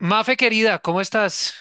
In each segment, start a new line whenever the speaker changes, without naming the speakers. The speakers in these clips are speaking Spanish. Mafe querida, ¿cómo estás?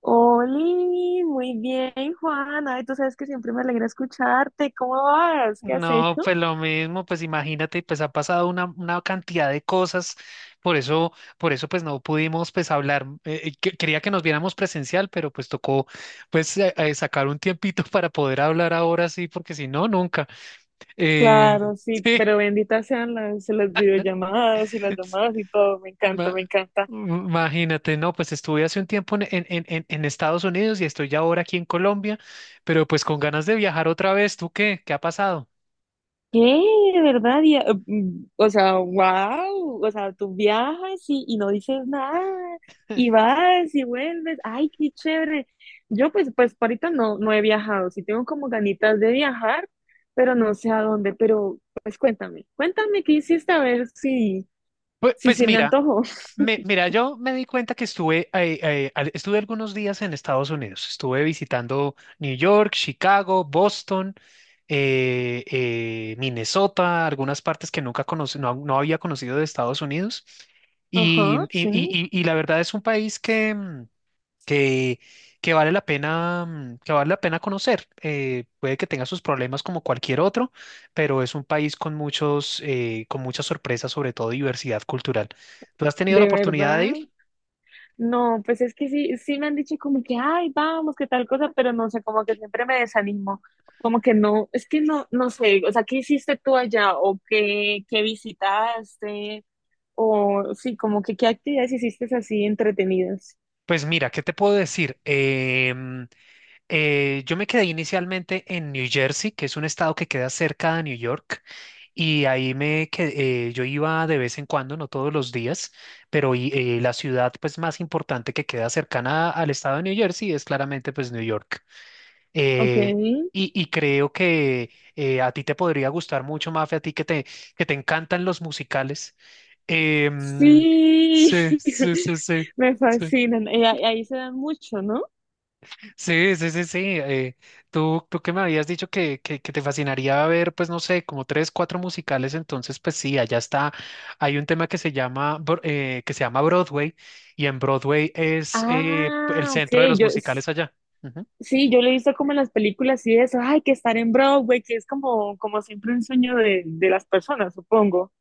Oli, muy bien, Juan. Ay, tú sabes que siempre me alegra escucharte. ¿Cómo vas? ¿Qué has
No,
hecho?
pues lo mismo, pues imagínate, pues ha pasado una cantidad de cosas, por eso pues no pudimos pues hablar. Quería que nos viéramos presencial, pero pues tocó pues sacar un tiempito para poder hablar ahora sí, porque si no, nunca. Eh,
Claro, sí,
sí,
pero benditas sean las videollamadas y las llamadas y todo. Me encanta,
ma-
me encanta.
imagínate, no, pues estuve hace un tiempo en Estados Unidos y estoy ya ahora aquí en Colombia, pero pues con ganas de viajar otra vez. ¿Tú qué? ¿Qué ha pasado?
¿Qué? ¿De verdad? Y, o sea, wow. O sea, tú viajas y no dices nada. Y vas y vuelves. Ay, qué chévere. Yo pues por ahorita no he viajado. Sí tengo como ganitas de viajar, pero no sé a dónde. Pero pues cuéntame, cuéntame qué hiciste a ver si,
Pues,
si
pues
se me
mira.
antojó.
Mira, yo me di cuenta que estuve, estuve algunos días en Estados Unidos. Estuve visitando New York, Chicago, Boston, Minnesota, algunas partes que nunca conocí, no, no había conocido de Estados Unidos. Y,
Ajá,
y,
sí.
y- y- y la verdad es un país que, que, que vale la pena, que vale la pena conocer. Puede que tenga sus problemas como cualquier otro, pero es un país con con muchas sorpresas, sobre todo diversidad cultural. ¿Tú has tenido la
De
oportunidad de
verdad.
ir?
No, pues es que sí, sí me han dicho como que, ay, vamos, qué tal cosa, pero no sé, como que siempre me desanimo, como que no, es que no, no sé, o sea, ¿qué hiciste tú allá? ¿O qué, qué visitaste? O sí, como que qué actividades hiciste así entretenidas.
Pues mira, ¿qué te puedo decir? Yo me quedé inicialmente en New Jersey, que es un estado que queda cerca de New York, y ahí me quedé, yo iba de vez en cuando, no todos los días, pero la ciudad pues más importante que queda cercana al estado de New Jersey es claramente pues New York.
Ok,
Eh, y creo que a ti te podría gustar mucho, Mafe, a ti que te encantan los musicales. Em,
sí,
sí, sí, sí, sí.
me
Sí.
fascinan, y ahí se dan mucho, ¿no?
Sí, sí, sí, sí. Tú que me habías dicho que te fascinaría ver, pues no sé, como tres, cuatro musicales, entonces pues sí, allá está. Hay un tema que se llama, que se llama Broadway, y en Broadway es el
Ah, ok,
centro de los
yo.
musicales allá. Ujú.
Sí, yo lo he visto como en las películas y eso, ay, que estar en Broadway, que es como, como siempre un sueño de las personas, supongo.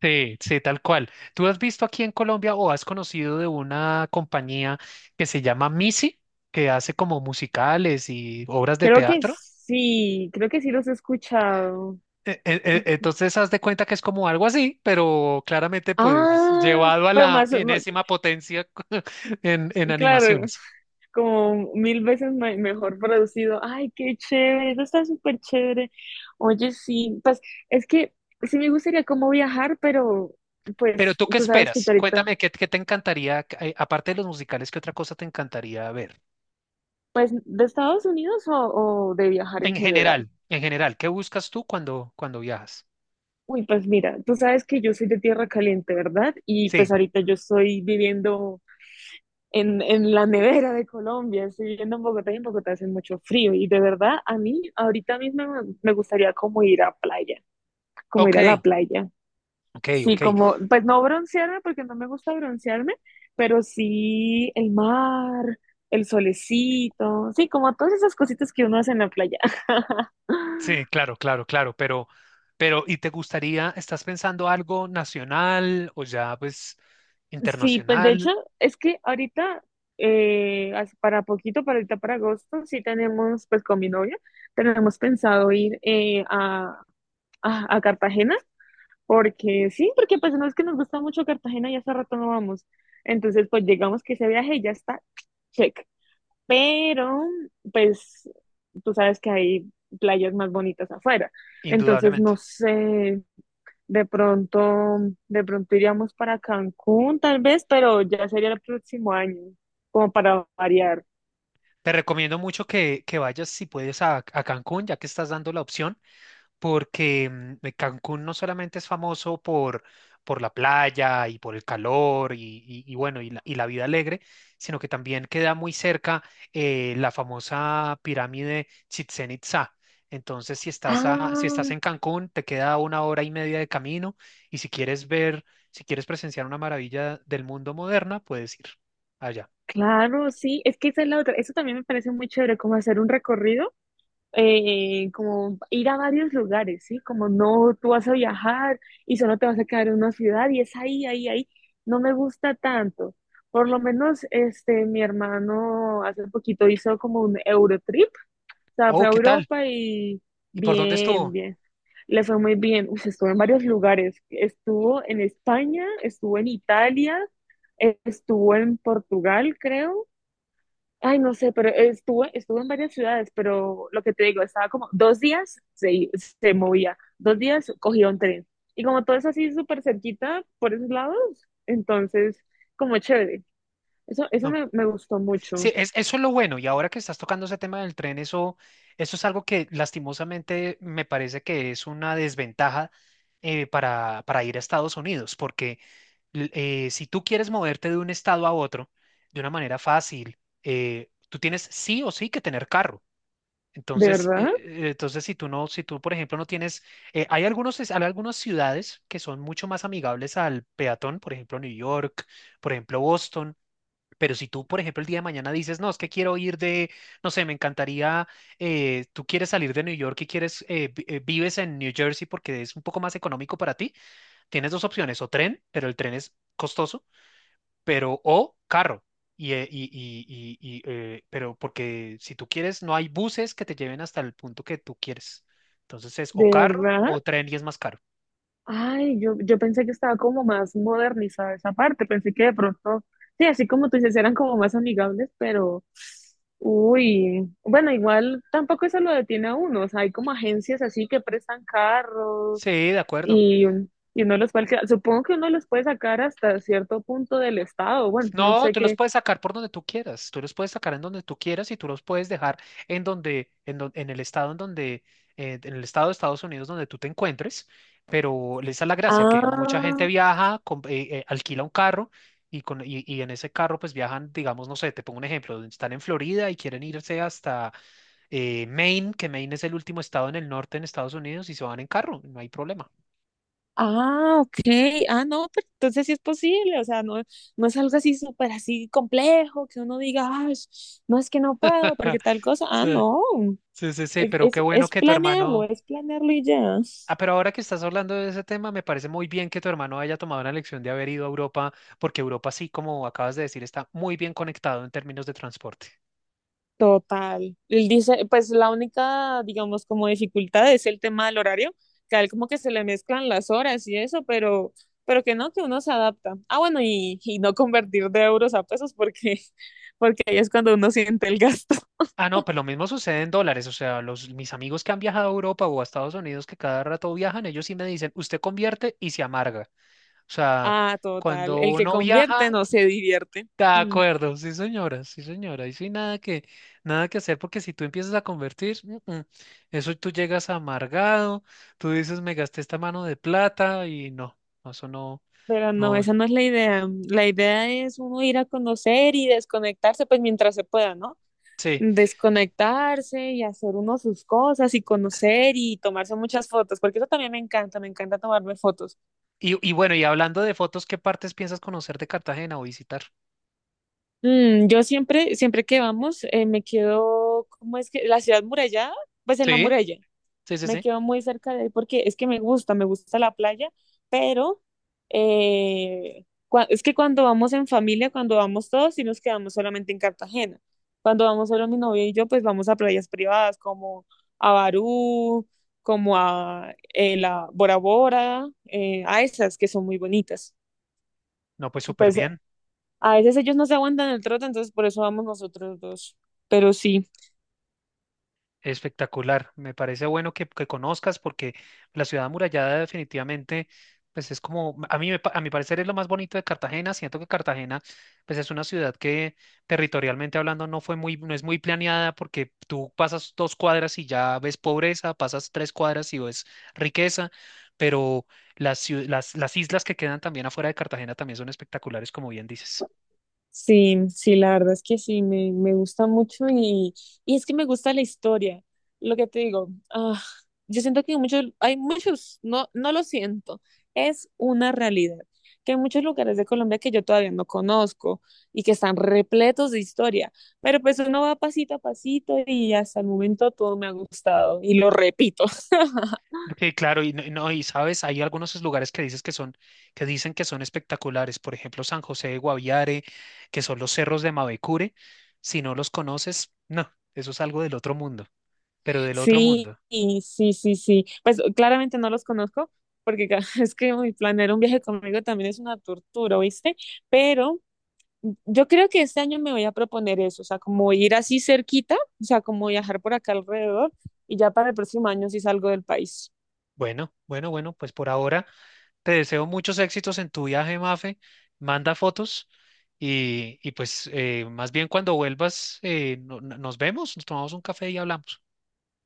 Sí, sí, tal cual. ¿Tú has visto aquí en Colombia o has conocido de una compañía que se llama Missy, que hace como musicales y obras de teatro?
Creo que sí los he escuchado.
Entonces, haz de cuenta que es como algo así, pero claramente, pues,
Ah,
llevado a
pero
la enésima potencia en
claro,
animaciones.
como mil veces mejor producido. Ay, qué chévere, eso está súper chévere. Oye, sí, pues es que sí me gustaría como viajar, pero
Pero
pues
tú, ¿qué
tú sabes que
esperas?
ahorita,
Cuéntame, ¿qué, qué te encantaría, aparte de los musicales, qué otra cosa te encantaría ver?
pues de Estados Unidos o de viajar en general.
En general, ¿qué buscas tú cuando, cuando viajas?
Uy, pues mira, tú sabes que yo soy de tierra caliente, ¿verdad? Y
Sí,
pues ahorita yo estoy viviendo en la nevera de Colombia, estoy viviendo en Bogotá y en Bogotá hace mucho frío. Y de verdad, a mí ahorita mismo me gustaría como ir a playa, como ir
ok,
a la playa.
ok,
Sí,
ok.
como, pues no broncearme porque no me gusta broncearme, pero sí el mar, el solecito, sí, como todas esas cositas que uno hace en la playa.
Sí, claro, claro, claro, pero, ¿y te gustaría, estás pensando algo nacional o ya, pues,
Sí, pues de hecho,
internacional?
es que ahorita, para poquito, para ahorita, para agosto, sí tenemos, pues con mi novia, tenemos pensado ir a, a Cartagena, porque sí, porque pues no es que nos gusta mucho Cartagena y hace rato no vamos. Entonces, pues llegamos que ese viaje y ya está, check. Pero, pues, tú sabes que hay playas más bonitas afuera. Entonces,
Indudablemente.
no sé, de pronto, de pronto iríamos para Cancún, tal vez, pero ya sería el próximo año, como para variar.
Te recomiendo mucho que vayas si puedes a Cancún, ya que estás dando la opción, porque Cancún no solamente es famoso por la playa y por el calor y, y bueno, y la vida alegre, sino que también queda muy cerca la famosa pirámide Chichén Itzá. Entonces, si estás, si
Ah,
estás en Cancún, te queda una hora y media de camino, y si quieres ver, si quieres presenciar una maravilla del mundo moderna, puedes ir allá.
claro, sí, es que esa es la otra. Eso también me parece muy chévere, como hacer un recorrido, como ir a varios lugares, ¿sí? Como no, tú vas a viajar y solo te vas a quedar en una ciudad y es ahí, ahí, ahí. No me gusta tanto. Por lo menos, este, mi hermano hace poquito hizo como un Eurotrip. O sea, fue
Oh,
a
¿qué tal?
Europa y
¿Y por dónde
bien,
estuvo?
bien. Le fue muy bien. Uy, estuvo en varios lugares. Estuvo en España, estuvo en Italia, estuvo en Portugal, creo. Ay, no sé, pero estuvo, estuvo en varias ciudades, pero lo que te digo, estaba como dos días se movía, dos días cogía un tren. Y como todo es así súper cerquita por esos lados, entonces, como chévere. Eso me, me gustó
Sí,
mucho.
es, eso es lo bueno. Y ahora que estás tocando ese tema del tren, eso es algo que lastimosamente me parece que es una desventaja para ir a Estados Unidos, porque si tú quieres moverte de un estado a otro de una manera fácil, tú tienes sí o sí que tener carro.
¿De
Entonces,
verdad?
entonces si tú no, si tú, por ejemplo, no tienes, hay algunos, hay algunas ciudades que son mucho más amigables al peatón, por ejemplo, New York, por ejemplo, Boston, pero si tú, por ejemplo, el día de mañana dices, no, es que quiero ir de, no sé, me encantaría, tú quieres salir de New York y quieres, vives en New Jersey porque es un poco más económico para ti, tienes dos opciones, o tren, pero el tren es costoso, pero o carro. Y, eh, y, y, pero porque si tú quieres, no hay buses que te lleven hasta el punto que tú quieres. Entonces es o
¿De
carro
verdad?
o tren y es más caro.
Ay, yo pensé que estaba como más modernizada esa parte, pensé que de pronto, sí, así como tú dices, eran como más amigables, pero, uy, bueno, igual tampoco eso lo detiene a uno, o sea, hay como agencias así que prestan carros
Sí, de acuerdo.
y, y uno los puede alquilar. Supongo que uno los puede sacar hasta cierto punto del estado, bueno, no
No,
sé
tú los
qué.
puedes sacar por donde tú quieras, tú los puedes sacar en donde tú quieras y tú los puedes dejar en donde, en el estado en donde, en el estado de Estados Unidos donde tú te encuentres, pero esa es la gracia, que mucha gente
Ah.
viaja, alquila un carro y en ese carro pues viajan, digamos, no sé, te pongo un ejemplo, están en Florida y quieren irse hasta Maine, que Maine es el último estado en el norte en Estados Unidos y se van en carro, no hay problema.
Ah, ok. Ah, no, pero entonces sí es posible. O sea, no, no es algo así súper así complejo que uno diga: "Ay, no es que no puedo porque tal cosa". Ah,
Sí,
no.
sí, sí, sí, pero qué bueno que tu hermano...
Es planearlo y ya.
Ah, pero ahora que estás hablando de ese tema, me parece muy bien que tu hermano haya tomado la elección de haber ido a Europa, porque Europa sí, como acabas de decir, está muy bien conectado en términos de transporte.
Total. Él dice, pues la única, digamos, como dificultad es el tema del horario, que a él como que se le mezclan las horas y eso, pero que no, que uno se adapta. Ah, bueno, y no convertir de euros a pesos porque, porque ahí es cuando uno siente el gasto.
Ah, no, pues lo mismo sucede en dólares. O sea, los, mis amigos que han viajado a Europa o a Estados Unidos, que cada rato viajan, ellos sí me dicen, usted convierte y se amarga. O sea,
Ah, total.
cuando
El que
uno viaja.
convierte no se divierte.
De
Mm.
acuerdo, sí señora, y sí nada que, nada que hacer porque si tú empiezas a convertir, eso tú llegas amargado, tú dices me gasté esta mano de plata y no, no, eso no,
Pero no,
no,
esa no es la idea. Mm. La idea es uno ir a conocer y desconectarse, pues mientras se pueda, ¿no?
sí.
Desconectarse y hacer uno sus cosas y conocer y tomarse muchas fotos, porque eso también me encanta tomarme fotos.
Y bueno, y hablando de fotos, ¿qué partes piensas conocer de Cartagena o visitar?
Mm, yo siempre, siempre que vamos, me quedo, ¿cómo es que? La ciudad murallada, pues en la
Sí,
muralla.
sí, sí,
Me
sí.
quedo muy cerca de ahí porque es que me gusta la playa, pero es que cuando vamos en familia, cuando vamos todos, sí nos quedamos solamente en Cartagena. Cuando vamos solo mi novia y yo, pues vamos a playas privadas como a Barú, como a la Bora Bora, a esas que son muy bonitas.
No, pues súper
Pues
bien.
a veces ellos no se aguantan el trote, entonces por eso vamos nosotros dos. Pero sí.
Espectacular, me parece bueno que conozcas porque la ciudad amurallada definitivamente, pues es como, a mí, a mi parecer es lo más bonito de Cartagena, siento que Cartagena, pues es una ciudad que territorialmente hablando no fue muy, no es muy planeada porque tú pasas dos cuadras y ya ves pobreza, pasas tres cuadras y ves riqueza, pero las islas que quedan también afuera de Cartagena también son espectaculares, como bien dices.
Sí, sí, la verdad es que sí, me gusta mucho y es que me gusta la historia, lo que te digo, ah, yo siento que muchos, hay muchos, no, no lo siento, es una realidad, que hay muchos lugares de Colombia que yo todavía no conozco y que están repletos de historia, pero pues uno va pasito a pasito y hasta el momento todo me ha gustado y lo repito.
Que claro, y no, y no, y sabes, hay algunos lugares que dices que son, que dicen que son espectaculares, por ejemplo, San José de Guaviare, que son los cerros de Mavecure. Si no los conoces, no, eso es algo del otro mundo, pero del otro
Sí,
mundo.
y sí, sí, sí. Pues claramente no los conozco, porque es que uy, planear un viaje conmigo también es una tortura, ¿viste? Pero mm, yo creo que este año me voy a proponer eso, o sea, como ir así cerquita, o sea, como viajar por acá alrededor, y ya para el próximo año sí salgo del país.
Bueno, bueno, bueno, pues por ahora te deseo muchos éxitos en tu viaje, Mafe. Manda fotos y pues más bien cuando vuelvas, nos vemos, nos tomamos un café y hablamos.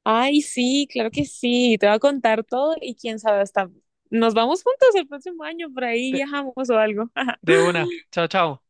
Ay, sí, claro que sí, te voy a contar todo y quién sabe, hasta nos vamos juntos el próximo año, por ahí
de
viajamos o algo.
de una, chao, chao.